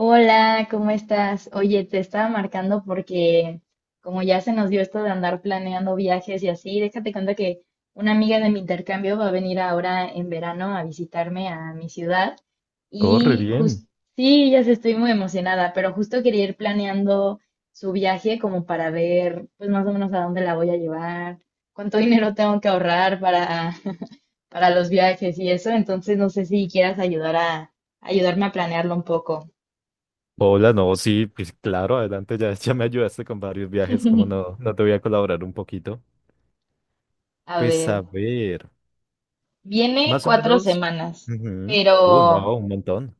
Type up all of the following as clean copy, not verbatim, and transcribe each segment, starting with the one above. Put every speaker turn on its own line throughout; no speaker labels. Hola, ¿cómo estás? Oye, te estaba marcando porque como ya se nos dio esto de andar planeando viajes y así, déjate cuenta que una amiga de mi intercambio va a venir ahora en verano a visitarme a mi ciudad
Oh, re
y
bien.
justo, sí, ya sé, estoy muy emocionada, pero justo quería ir planeando su viaje como para ver pues más o menos a dónde la voy a llevar, cuánto dinero tengo que ahorrar para, para los viajes y eso, entonces no sé si quieras ayudar a ayudarme a planearlo un poco.
Hola, no, sí, pues claro, adelante, ya, ya me ayudaste con varios viajes, ¿cómo no? No te voy a colaborar un poquito.
A
Pues a
ver,
ver,
viene
más o
cuatro
menos.
semanas,
Ujú.
pero
No, un montón.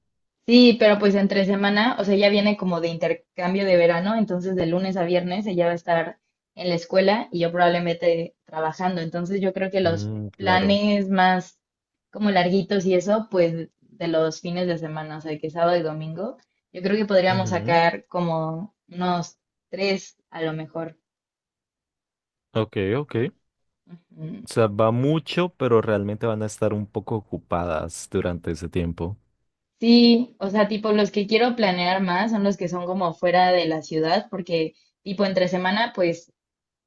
sí, pero pues entre semana, o sea, ella viene como de intercambio de verano, entonces de lunes a viernes ella va a estar en la escuela y yo probablemente trabajando, entonces yo creo que los
Mm, claro.
planes más como larguitos y eso, pues de los fines de semana, o sea, que sábado y domingo, yo creo que podríamos
Ujú.
sacar como unos tres a lo mejor.
Ok, ok. O sea, va mucho, pero realmente van a estar un poco ocupadas durante ese tiempo.
Sí, o sea, tipo, los que quiero planear más son los que son como fuera de la ciudad, porque tipo entre semana, pues,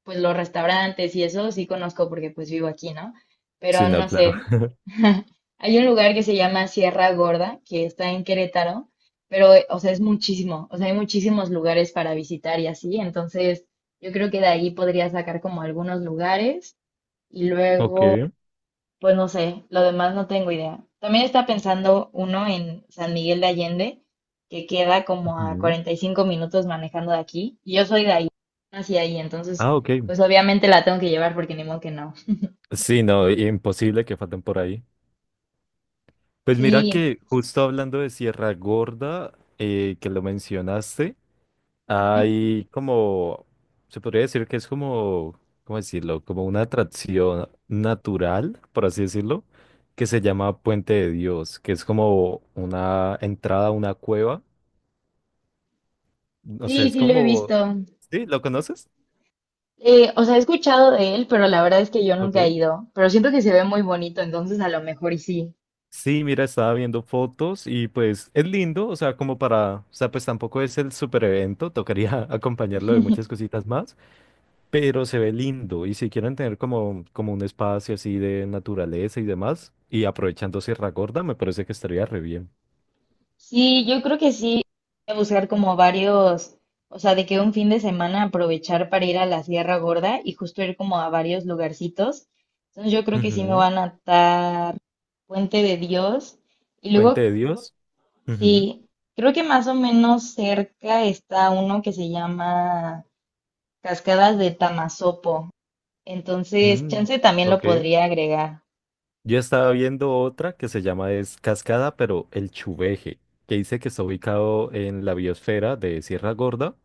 pues los restaurantes y eso sí conozco porque pues vivo aquí, ¿no?
Sí,
Pero
no,
no
claro.
sé, hay un lugar que se llama Sierra Gorda, que está en Querétaro, pero, o sea, es muchísimo, o sea, hay muchísimos lugares para visitar y así, entonces yo creo que de ahí podría sacar como algunos lugares y luego...
Ok.
Pues no sé, lo demás no tengo idea. También está pensando uno en San Miguel de Allende, que queda como a
Ujú.
45 minutos manejando de aquí, y yo soy de ahí, hacia ahí, entonces,
Ah, ok.
pues obviamente la tengo que llevar porque ni modo que no.
Sí, no, imposible que falten por ahí. Pues mira
Sí,
que justo hablando de Sierra Gorda, que lo mencionaste,
ujú.
hay como, se podría decir que es como, ¿cómo decirlo? Como una atracción natural, por así decirlo, que se llama Puente de Dios, que es como una entrada a una cueva. O sea,
Sí,
es
sí lo he
como,
visto.
¿sí? ¿Lo conoces?
O sea, he escuchado de él, pero la verdad es que yo nunca he
Ok.
ido, pero siento que se ve muy bonito, entonces a lo mejor y sí.
Sí, mira, estaba viendo fotos y pues es lindo, o sea, como para, o sea, pues tampoco es el super evento, tocaría acompañarlo de muchas cositas más. Pero se ve lindo. Y si quieren tener como, como un espacio así de naturaleza y demás, y aprovechando Sierra Gorda, me parece que estaría re bien.
Sí, yo creo que sí, voy a buscar como varios, o sea, de que un fin de semana aprovechar para ir a la Sierra Gorda y justo ir como a varios lugarcitos. Entonces yo creo que sí me
Ujú.
van a atar Puente de Dios. Y
Puente
luego,
de Dios. Ujú.
sí, creo que más o menos cerca está uno que se llama Cascadas de Tamasopo. Entonces,
Mm,
chance también lo
ok.
podría agregar.
Yo estaba viendo otra que se llama es Cascada, pero el Chuveje, que dice que está ubicado en la biosfera de Sierra Gorda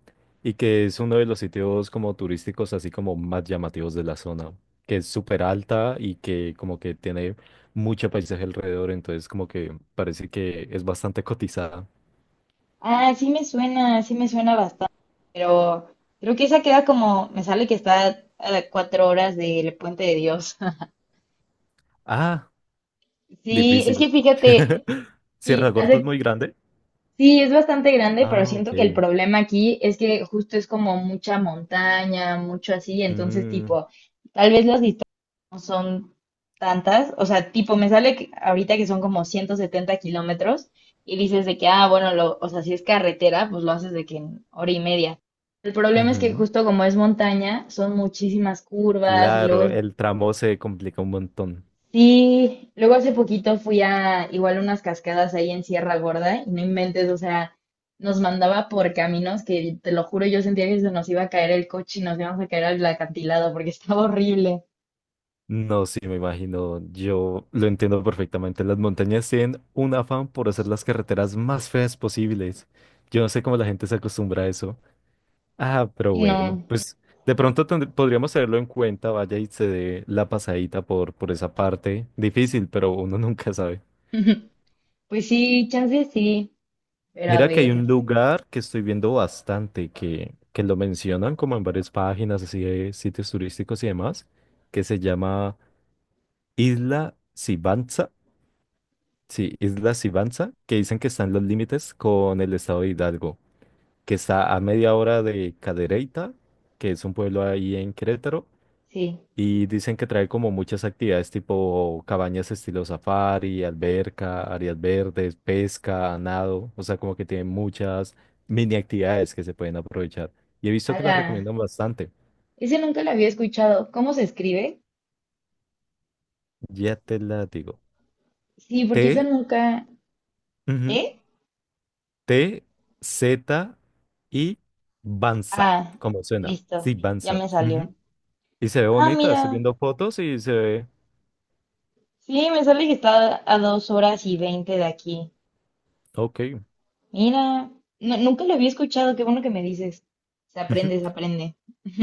y que es uno de los sitios como turísticos así como más llamativos de la zona, que es súper alta y que como que tiene mucho paisaje alrededor, entonces como que parece que es bastante cotizada.
Ah, sí me suena bastante, pero creo que esa queda como, me sale que está a 4 horas del Puente de Dios.
Ah,
Sí, es
difícil.
que fíjate, y
Sierra Gorda es
hace
muy grande.
sí, es bastante grande, pero
Ah, ok.
siento que el problema aquí es que justo es como mucha montaña, mucho así, entonces
Mm,
tipo, tal vez las distancias no son tantas, o sea, tipo, me sale que- ahorita que son como 170 kilómetros y dices de que, ah, bueno, lo, o sea, si es carretera, pues lo haces de que en hora y media. El problema es que
ujú.
justo como es montaña, son muchísimas curvas y luego
Claro,
es
el tramo se complica un montón.
sí, luego hace poquito fui a igual unas cascadas ahí en Sierra Gorda y no inventes, o sea, nos mandaba por caminos que te lo juro, yo sentía que se nos iba a caer el coche y nos íbamos a caer al acantilado porque estaba horrible.
No, sí, me imagino. Yo lo entiendo perfectamente. Las montañas tienen un afán por hacer las carreteras más feas posibles. Yo no sé cómo la gente se acostumbra a eso. Ah, pero bueno,
No,
pues de pronto podríamos tenerlo en cuenta. Vaya y se dé la pasadita por esa parte. Difícil, pero uno nunca sabe.
pues sí, chance sí, pero a
Mira que hay
ver,
un lugar que estoy viendo bastante, que lo mencionan como en varias páginas, así de sitios turísticos y demás, que se llama Isla Sibanza. Sí, Isla Sibanza, que dicen que están los límites con el estado de Hidalgo, que está a media hora de Cadereyta, que es un pueblo ahí en Querétaro,
sí,
y dicen que trae como muchas actividades tipo cabañas estilo safari, alberca, áreas verdes, pesca, nado, o sea, como que tiene muchas mini actividades que se pueden aprovechar. Y he visto que las
ala,
recomiendan bastante,
ese nunca lo había escuchado. ¿Cómo se escribe?
ya te la digo.
Sí, porque ese
Te,
nunca. ¿T?
T, Z y Banza,
Ah,
como suena.
listo,
Sí,
ya
Banza.
me salió.
Ujú. Y se ve
Ah,
bonita, estoy
mira.
viendo fotos y se ve,
Sí, me sale que está a 2 horas y 20 de aquí.
ok,
Mira, no- nunca lo había escuchado, qué bueno que me dices. Se aprende, se aprende.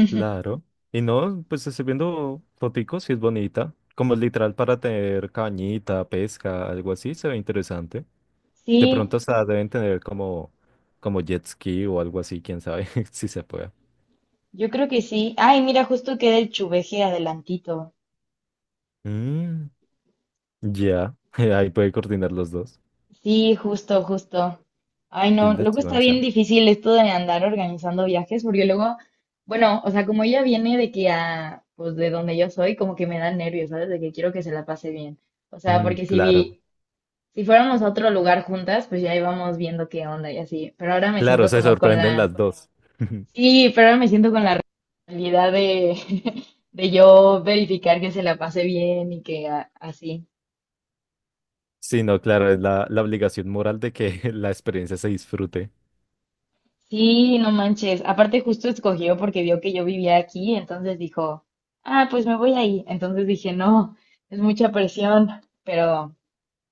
claro. Y no, pues estoy viendo foticos y es bonita. Como literal para tener cañita, pesca, algo así, se ve interesante.
Sí,
De pronto hasta deben tener como, como jet ski o algo así, quién sabe si se puede.
yo creo que sí. Ay, mira, justo queda el chuveje adelantito.
Mm, ya, ahí puede coordinar los dos.
Sí, justo, justo. Ay, no,
Tilda
luego
y
está
Banza.
bien difícil esto de andar organizando viajes, porque luego, bueno, o sea, como ella viene de que a, pues de donde yo soy, como que me da nervios, ¿sabes? De que quiero que se la pase bien. O sea,
Mm,
porque si
claro.
vi, si fuéramos a otro lugar juntas, pues ya íbamos viendo qué onda y así. Pero ahora me
Claro,
siento
se
como con
sorprenden
la...
las dos.
Sí, pero ahora me siento con la realidad de, de yo verificar que se la pase bien y que a- así.
Sí, no, claro, es la, la obligación moral de que la experiencia se disfrute.
Sí, no manches. Aparte justo escogió porque vio que yo vivía aquí, entonces dijo, ah, pues me voy ahí. Entonces dije, no, es mucha presión, pero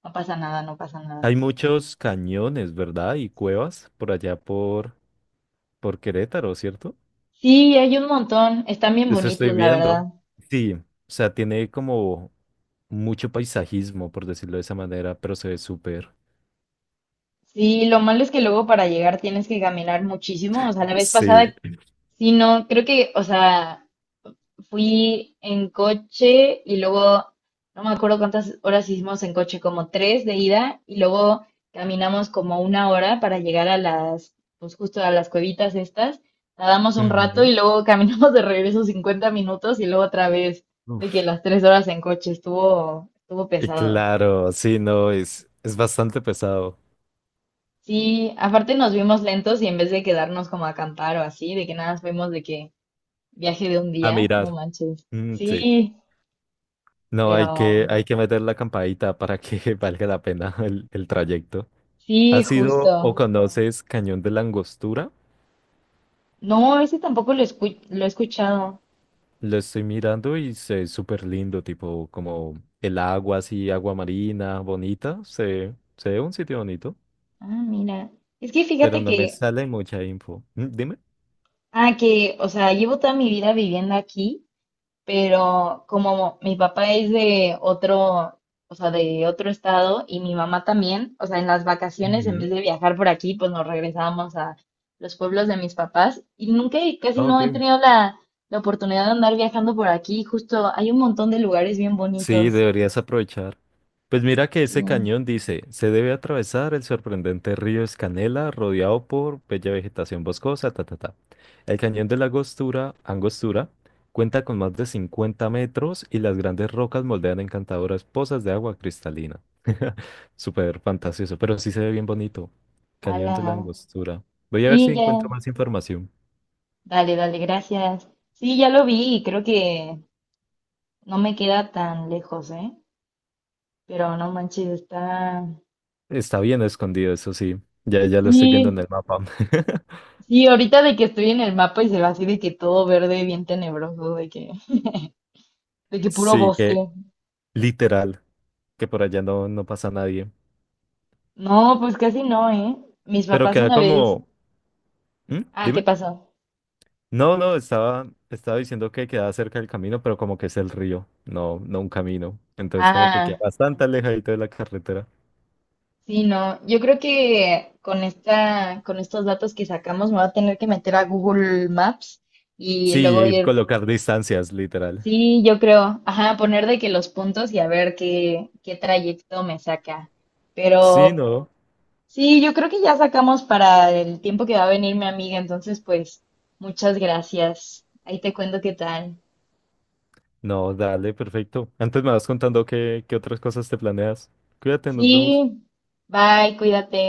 no pasa nada, no pasa nada.
Hay muchos cañones, ¿verdad? Y cuevas por allá por Querétaro, ¿cierto?
Sí, hay un montón. Están bien
Eso estoy
bonitos, la verdad.
viendo. Sí, o sea, tiene como mucho paisajismo, por decirlo de esa manera, pero se ve súper.
Sí, lo malo es que luego para llegar tienes que caminar muchísimo. O sea, la vez
Sí.
pasada, sí, no, creo que, o sea, fui en coche y luego, no me acuerdo cuántas horas hicimos en coche, como tres de ida y luego caminamos como una hora para llegar a las, pues justo a las cuevitas estas. Nadamos un rato
Ujú.
y luego caminamos de regreso 50 minutos y luego otra vez de que
Uf.
las 3 horas en coche estuvo, estuvo
Y
pesado.
claro, sí, no, es bastante pesado
Sí, aparte nos vimos lentos y en vez de quedarnos como a acampar o así, de que nada más vemos de que viaje de un
a
día, no
mirar.
manches.
Mm, sí.
Sí,
No,
pero
hay que meter la campadita para que valga la pena el trayecto.
sí,
¿Has sido o
justo.
conoces Cañón de la Angostura?
No, ese tampoco lo escu- lo he escuchado.
Lo estoy mirando y se ve súper lindo, tipo como el agua así, agua marina, bonita. Se ve un sitio bonito,
Ah, mira. Es que
pero
fíjate
no me
que,
sale mucha info. Mm, dime.
ah, que, o sea, llevo toda mi vida viviendo aquí pero como mi papá es de otro, o sea, de otro estado y mi mamá también, o sea, en las vacaciones en vez
Ujú.
de viajar por aquí, pues nos regresábamos a los pueblos de mis papás y nunca, y casi
Ah,
no
ok.
he tenido la, la oportunidad de andar viajando por aquí, justo hay un montón de lugares bien
Sí,
bonitos.
deberías aprovechar. Pues mira que
Sí,
ese cañón dice, se debe atravesar el sorprendente río Escanela, rodeado por bella vegetación boscosa, ta, ta, ta. El cañón de la Angostura, Angostura cuenta con más de 50 metros y las grandes rocas moldean encantadoras pozas de agua cristalina. Súper fantasioso, pero sí se ve bien bonito. Cañón
ala,
de la Angostura. Voy a ver si
sí, ya,
encuentro más información.
dale, dale, gracias. Sí, ya lo vi y creo que no me queda tan lejos, ¿eh? Pero no manches, está...
Está bien escondido, eso sí. Ya, ya lo estoy viendo en
Sí,
el mapa.
sí, ahorita de que estoy en el mapa y se ve así de que todo verde, bien tenebroso, de que puro
Sí,
bosque.
que literal. Que por allá no, no pasa nadie.
No, pues casi no, ¿eh? Mis
Pero
papás
queda
una vez.
como... ¿Mm?
Ah, ¿qué
Dime.
pasó?
No, no, estaba, estaba diciendo que queda cerca del camino, pero como que es el río, no, no un camino. Entonces como que queda
Ah,
bastante alejadito de la carretera.
sí, no. Yo creo que con esta, con estos datos que sacamos me voy a tener que meter a Google Maps y
Sí,
luego
y
ir.
colocar distancias, literal.
Sí, yo creo. Ajá, poner de que los puntos y a ver qué, qué trayecto me saca.
Sí,
Pero
no.
sí, yo creo que ya sacamos para el tiempo que va a venir mi amiga, entonces pues muchas gracias. Ahí te cuento qué tal.
No, dale, perfecto. Antes me vas contando qué, qué otras cosas te planeas. Cuídate,
Sí,
nos vemos.
bye, cuídate.